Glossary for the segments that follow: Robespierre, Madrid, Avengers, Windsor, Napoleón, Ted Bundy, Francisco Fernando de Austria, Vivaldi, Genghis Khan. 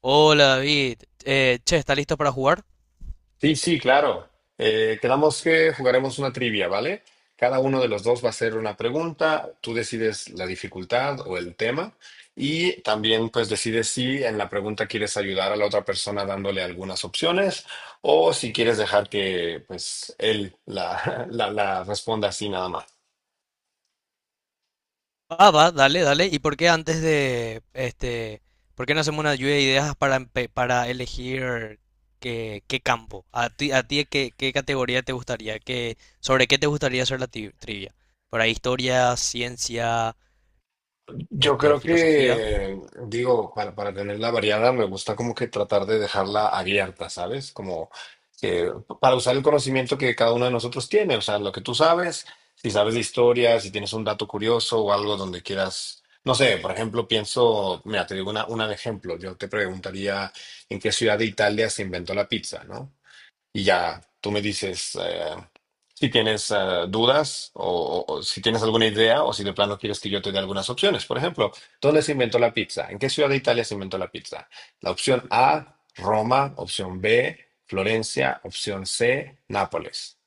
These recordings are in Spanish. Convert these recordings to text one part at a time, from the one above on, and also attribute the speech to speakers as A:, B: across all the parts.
A: Hola David, che, ¿está listo para jugar?
B: Sí, sí, claro. Quedamos que jugaremos una trivia, ¿vale? Cada uno de los dos va a hacer una pregunta, tú decides la dificultad o el tema y también pues decides si en la pregunta quieres ayudar a la otra persona dándole algunas opciones o si quieres dejar que pues él la responda así nada más.
A: Ah, va, dale, dale. ¿Por qué no hacemos una lluvia de ideas para elegir qué campo? ¿A ti qué categoría te gustaría? ¿Sobre qué te gustaría hacer la trivia? ¿Para historia, ciencia,
B: Yo creo
A: filosofía?
B: que, digo, para tenerla variada, me gusta como que tratar de dejarla abierta, ¿sabes? Como que para usar el conocimiento que cada uno de nosotros tiene, o sea, lo que tú sabes, si sabes de historia, si tienes un dato curioso o algo donde quieras, no sé, por ejemplo, pienso, mira, te digo una de ejemplo, yo te preguntaría en qué ciudad de Italia se inventó la pizza, ¿no? Y ya tú me dices, si tienes dudas o si tienes alguna idea o si de plano quieres que yo te dé algunas opciones. Por ejemplo, ¿dónde se inventó la pizza? ¿En qué ciudad de Italia se inventó la pizza? La opción A, Roma, opción B, Florencia, opción C, Nápoles.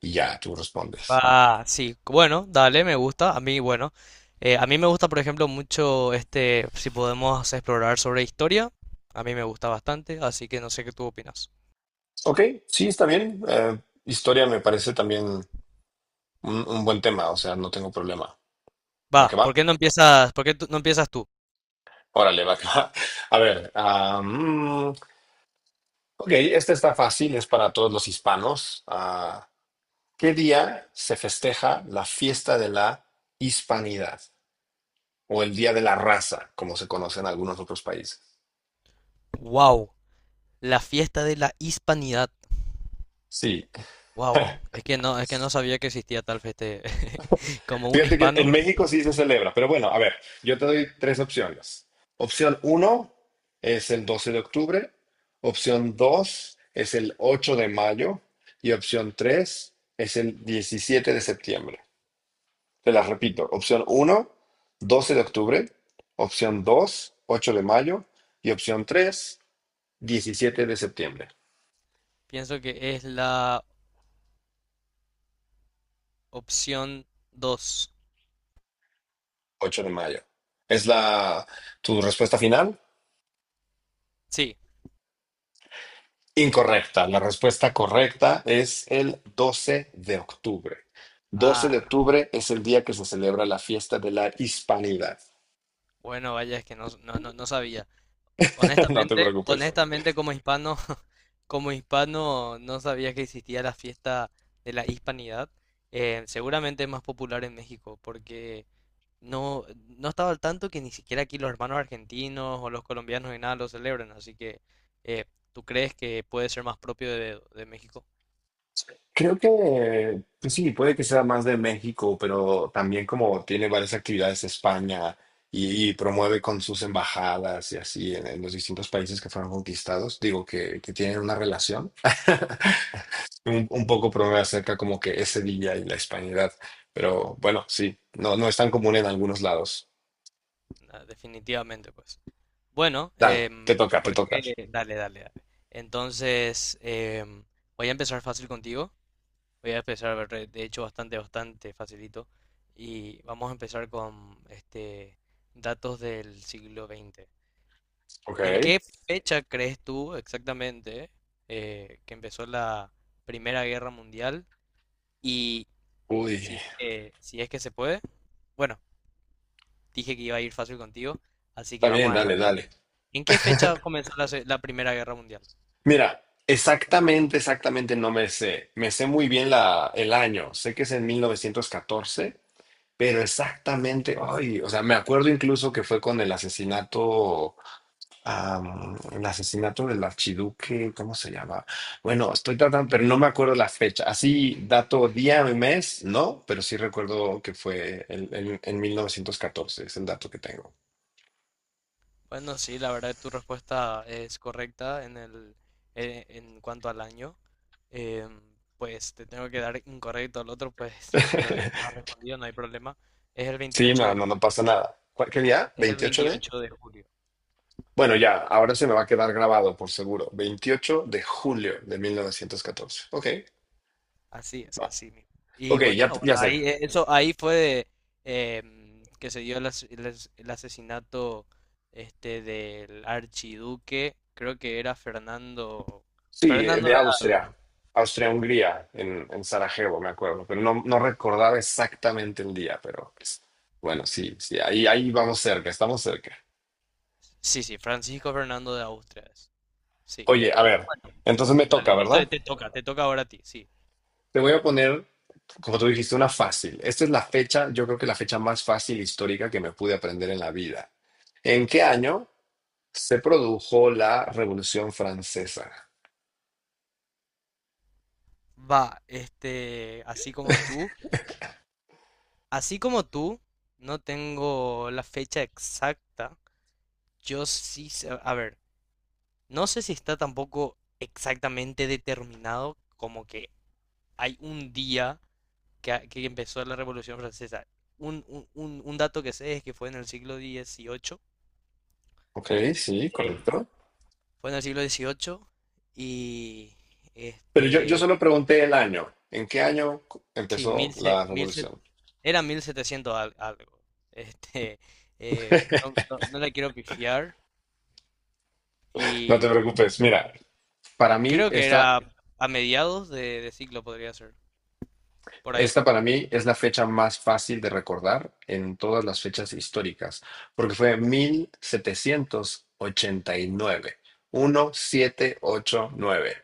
B: Y ya tú respondes.
A: Ah, sí, bueno, dale, me gusta. A mí, bueno, a mí me gusta, por ejemplo, mucho, si podemos explorar sobre historia, a mí me gusta bastante, así que no sé qué tú opinas.
B: Ok, sí, está bien. Historia me parece también un buen tema, o sea, no tengo problema. ¿Va
A: Va,
B: que va?
A: ¿por qué no empiezas, por qué tú- no empiezas tú?
B: Órale, va que va. A ver. Ok, esta está fácil, es para todos los hispanos. Ah, ¿qué día se festeja la fiesta de la hispanidad o el Día de la Raza, como se conoce en algunos otros países?
A: Wow, la fiesta de la hispanidad.
B: Sí,
A: Wow, es que no sabía que existía tal fiesta. Como un
B: fíjate que en
A: hispano,
B: México sí se celebra, pero bueno, a ver, yo te doy tres opciones. Opción uno es el 12 de octubre, opción dos es el 8 de mayo y opción tres es el 17 de septiembre. Te las repito. Opción uno, 12 de octubre. Opción 2, 8 de mayo. Y opción 3, 17 de septiembre.
A: pienso que es la opción dos.
B: 8 de mayo. ¿Es la tu respuesta final?
A: Sí.
B: Incorrecta. La respuesta correcta es el 12 de octubre. Doce de
A: Ah,
B: octubre es el día que se celebra la fiesta de la Hispanidad.
A: bueno, vaya, es que no, no, no, no sabía.
B: No te
A: Honestamente,
B: preocupes.
A: honestamente como hispano, como hispano no sabía que existía la fiesta de la hispanidad. Seguramente es más popular en México porque no, no estaba al tanto que ni siquiera aquí los hermanos argentinos o los colombianos ni nada lo celebran, así que eh, ¿tú crees que puede ser más propio de México?
B: Creo que, pues sí, puede que sea más de México, pero también como tiene varias actividades España y promueve con sus embajadas y así en los distintos países que fueron conquistados, digo que tienen una relación. Un poco promueve acerca como que ese día y la hispanidad, pero bueno, sí, no, no es tan común en algunos lados.
A: Ah, definitivamente, pues. Bueno,
B: Dale, te toca, te
A: ¿por
B: toca.
A: qué? Dale, dale, dale. Entonces, voy a empezar fácil contigo. Voy a empezar, de hecho, bastante, bastante facilito. Y vamos a empezar con datos del siglo XX.
B: Ok.
A: ¿En qué fecha crees tú exactamente que empezó la Primera Guerra Mundial? Y
B: Uy,
A: si es que se puede, bueno, dije que iba a ir fácil contigo, así que
B: está
A: vamos
B: bien,
A: a
B: dale,
A: dejarlo.
B: dale.
A: ahí. ¿En qué fecha comenzó la Primera Guerra Mundial?
B: Mira, exactamente, exactamente no me sé. Me sé muy bien el año. Sé que es en 1914, pero exactamente, ay, o sea, me acuerdo incluso que fue con el asesinato del archiduque, ¿cómo se llama? Bueno, estoy tratando, pero no me acuerdo la fecha. Así, dato día y mes, no, pero sí recuerdo que fue en 1914, es el dato que tengo.
A: Bueno, sí, la verdad tu respuesta es correcta en cuanto al año. Em, pues te tengo que dar incorrecto al otro, pues simplemente no has respondido, no hay problema. Es el
B: Sí,
A: 28
B: no,
A: de
B: no, no
A: julio.
B: pasa nada. ¿Qué día?
A: Es el
B: ¿28 de?
A: 28 de julio.
B: Bueno, ya, ahora se me va a quedar grabado, por seguro. Veintiocho de julio de 1914. Ok,
A: Así es,
B: va.
A: así mismo. Y
B: Ok,
A: bueno,
B: ya,
A: bueno,
B: ya sé.
A: ahí eso ahí fue que se dio el asesinato del archiduque, creo que era Fernando
B: Sí,
A: Fernando
B: de
A: de
B: Austria.
A: Alba.
B: Austria-Hungría, en Sarajevo, me acuerdo. Pero no, no recordaba exactamente el día, pero pues, bueno, sí, sí, ahí, ahí vamos cerca, estamos cerca.
A: Sí, sí, Francisco Fernando de Austria es. Sí.
B: Oye, a ver,
A: Bueno,
B: entonces me toca,
A: dale, esto
B: ¿verdad?
A: te toca ahora a ti, sí.
B: Te voy a poner, como tú dijiste, una fácil. Esta es la fecha, yo creo que la fecha más fácil histórica que me pude aprender en la vida. ¿En qué año se produjo la Revolución Francesa?
A: Va, así como tú, no tengo la fecha exacta. Yo sí, a ver. No sé si está tampoco exactamente determinado como que hay un día que empezó la Revolución Francesa. Un dato que sé es que fue en el siglo XVIII.
B: Ok, sí,
A: Eh,
B: correcto.
A: Fue en el siglo XVIII y
B: Pero yo
A: este,
B: solo pregunté el año. ¿En qué año
A: sí,
B: empezó la revolución?
A: era 1700 algo. Este, no, no, no la quiero pifiar
B: No
A: y
B: te preocupes. Mira, para mí,
A: creo que
B: esta,
A: era a mediados de siglo podría ser, por ahí.
B: esta para mí es la fecha más fácil de recordar en todas las fechas históricas, porque fue 1789. Nueve. 1789.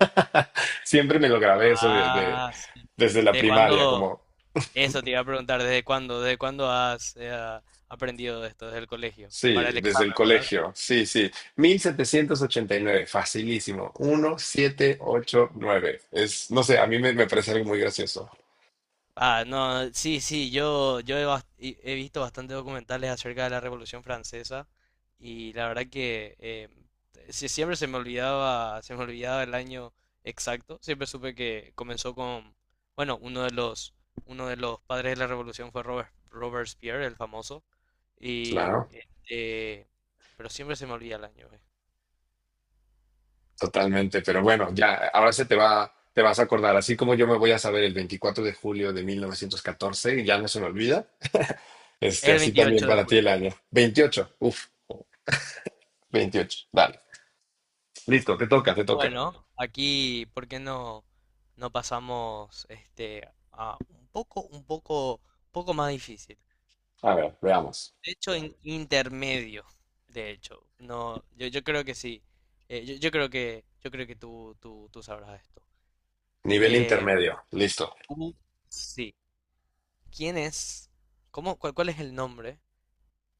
B: Siempre me lo grabé eso
A: Ah, sí.
B: desde la
A: ¿De
B: primaria,
A: cuándo?
B: como,
A: Eso te iba a preguntar, ¿desde cuándo? ¿Desde cuándo has aprendido de esto? Desde el colegio.
B: sí,
A: Para el
B: desde el
A: examen, ¿verdad?
B: colegio. Sí, sí. Mil setecientos ochenta y nueve, facilísimo. 1789. Es, no sé, a mí me parece algo muy gracioso.
A: Ah, no, sí, sí, yo he visto bastantes documentales acerca de la Revolución Francesa y la verdad que sí, siempre se me olvidaba el año exacto, siempre supe que comenzó con, bueno, uno de los padres de la Revolución fue Robespierre, el famoso, y
B: Claro,
A: pero siempre se me olvida el año.
B: totalmente. Pero bueno, ya, ahora te vas a acordar. Así como yo me voy a saber el 24 de julio de 1914 y ya no se me olvida.
A: Es
B: Este,
A: el Sí,
B: así también
A: 28 de
B: para ti
A: julio.
B: el año. 28, 28. Dale. Listo, te toca, te toca.
A: Bueno, aquí, ¿por qué no pasamos a un poco más difícil?
B: A ver, veamos.
A: De hecho, intermedio, de hecho. No, yo creo que sí. Yo creo que tú sabrás esto.
B: Nivel
A: Em,
B: intermedio, listo.
A: tú- sí. ¿Quién es? ¿Cuál es el nombre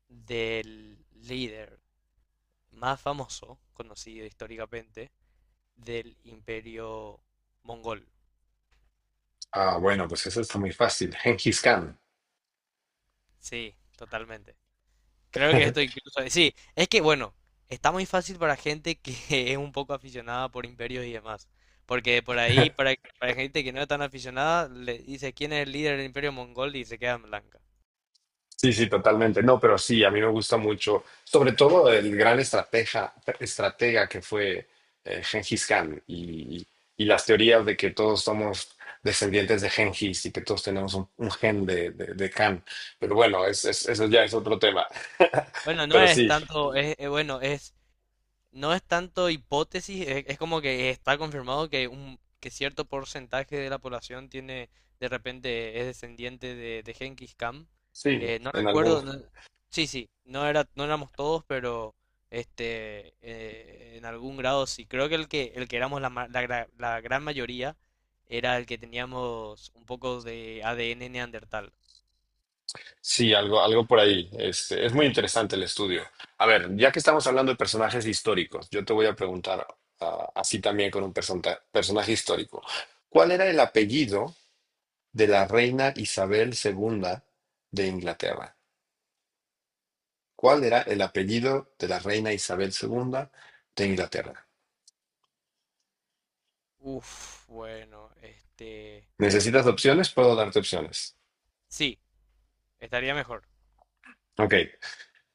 A: del líder más famoso, conocido históricamente, del Imperio Mongol?
B: Ah, bueno, pues eso está muy fácil. Genghis Khan.
A: Sí, totalmente. Creo que esto incluso. Sí, es que bueno, está muy fácil para gente que es un poco aficionada por imperios y demás. Porque por ahí, para gente que no es tan aficionada, le dice quién es el líder del imperio mongol y se queda en blanca.
B: Sí, sí, totalmente. No, pero sí, a mí me gusta mucho, sobre todo el gran estratega que fue Gengis Khan y las teorías de que todos somos descendientes de Gengis y que todos tenemos un gen de Khan. Pero bueno, eso ya es otro tema.
A: Bueno, no
B: Pero
A: es
B: sí,
A: tanto, es, bueno, es No es tanto hipótesis, es como que está confirmado que un que cierto porcentaje de la población tiene de repente es descendiente de Genghis Khan.
B: sí,
A: No
B: en algún.
A: recuerdo, no- Sí, sí, no éramos todos, pero en algún grado sí. Creo que el que éramos la gran mayoría era el que teníamos un poco de ADN neandertal.
B: Sí, algo, algo por ahí. Este, es muy interesante el estudio. A ver, ya que estamos hablando de personajes históricos, yo te voy a preguntar así también con un personaje histórico. ¿Cuál era el apellido de la reina Isabel II de Inglaterra? ¿Cuál era el apellido de la reina Isabel II de Inglaterra?
A: Uf, bueno,
B: ¿Necesitas opciones? Puedo darte opciones.
A: sí, estaría mejor.
B: Ok.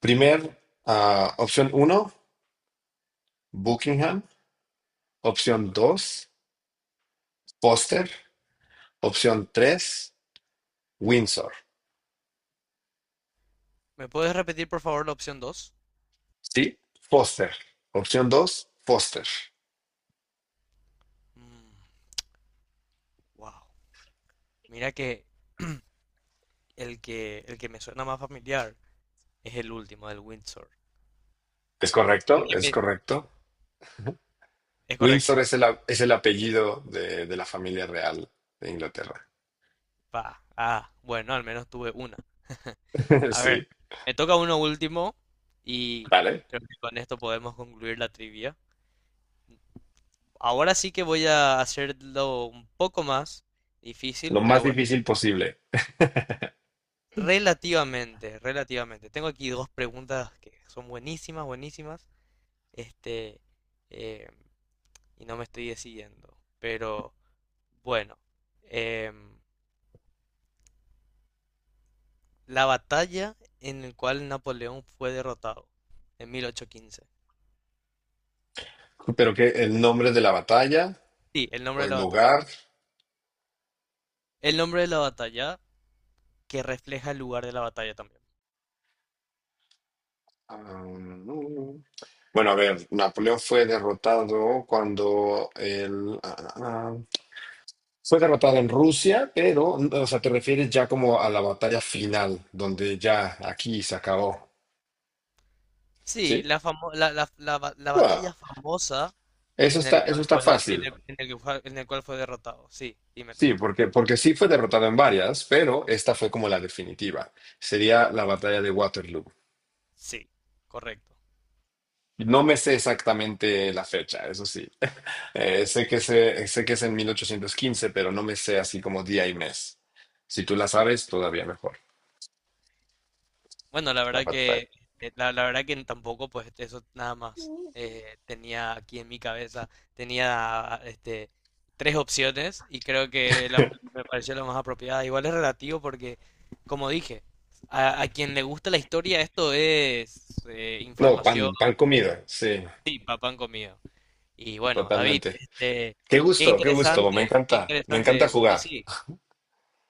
B: Primer, Opción uno, Buckingham. Opción 2, Foster. Opción 3. Windsor.
A: ¿Me puedes repetir por favor la opción dos?
B: ¿Sí? Foster. Opción 2, Foster.
A: Mm, wow. Mira que el que me suena más familiar es el último del Windsor.
B: ¿Es
A: El
B: correcto?
A: que
B: Es
A: me-
B: correcto.
A: Es correcto.
B: Windsor es el apellido de la familia real de Inglaterra.
A: Pa. Ah, bueno, al menos tuve una. A ver,
B: Sí,
A: me toca uno último y
B: vale.
A: creo que con esto podemos concluir la trivia. Ahora sí que voy a hacerlo un poco más difícil,
B: Lo
A: pero
B: más
A: bueno,
B: difícil posible.
A: relativamente, relativamente. Tengo aquí dos preguntas que son buenísimas, buenísimas. Este, eh, y no me estoy decidiendo. Pero bueno, em, la batalla en la cual Napoleón fue derrotado en 1815.
B: Pero que el nombre de la batalla
A: Sí, el nombre
B: o
A: de la
B: el
A: batalla.
B: lugar.
A: El nombre de la batalla que refleja el lugar de la batalla también.
B: No, no. Bueno, a ver, Napoleón fue derrotado cuando el... ah, ah, ah, Fue derrotada en Rusia, pero, o sea, te refieres ya como a la batalla final, donde ya aquí se acabó,
A: Sí,
B: ¿sí?
A: la, famo- la- la ba- la batalla
B: Bueno,
A: famosa
B: eso está, eso está fácil.
A: en el cual fue derrotado. Sí, dímelo.
B: Sí, porque sí fue derrotada en varias, pero esta fue como la definitiva. Sería la batalla de Waterloo.
A: Sí, correcto.
B: No me sé exactamente la fecha, eso sí. Sé que es en 1815, pero no me sé así como día y mes. Si tú la sabes, todavía mejor.
A: Bueno, la
B: La
A: verdad
B: batalla.
A: que eh, la, la verdad que tampoco pues eso nada más tenía aquí en mi cabeza tenía tres opciones y creo que me pareció la más apropiada. Igual es relativo porque como dije, a quien le gusta la historia esto es
B: No,
A: información
B: pan comido, sí,
A: y papán comido. Y bueno, David,
B: totalmente. Qué
A: qué
B: gusto, qué gusto.
A: interesante, qué
B: Me encanta
A: interesante. Sí,
B: jugar.
A: sí.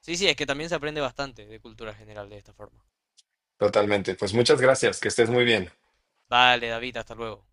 A: Sí, sí, es que también se aprende bastante de cultura general de esta forma.
B: Totalmente. Pues muchas gracias. Que estés muy bien.
A: Vale, David, hasta luego.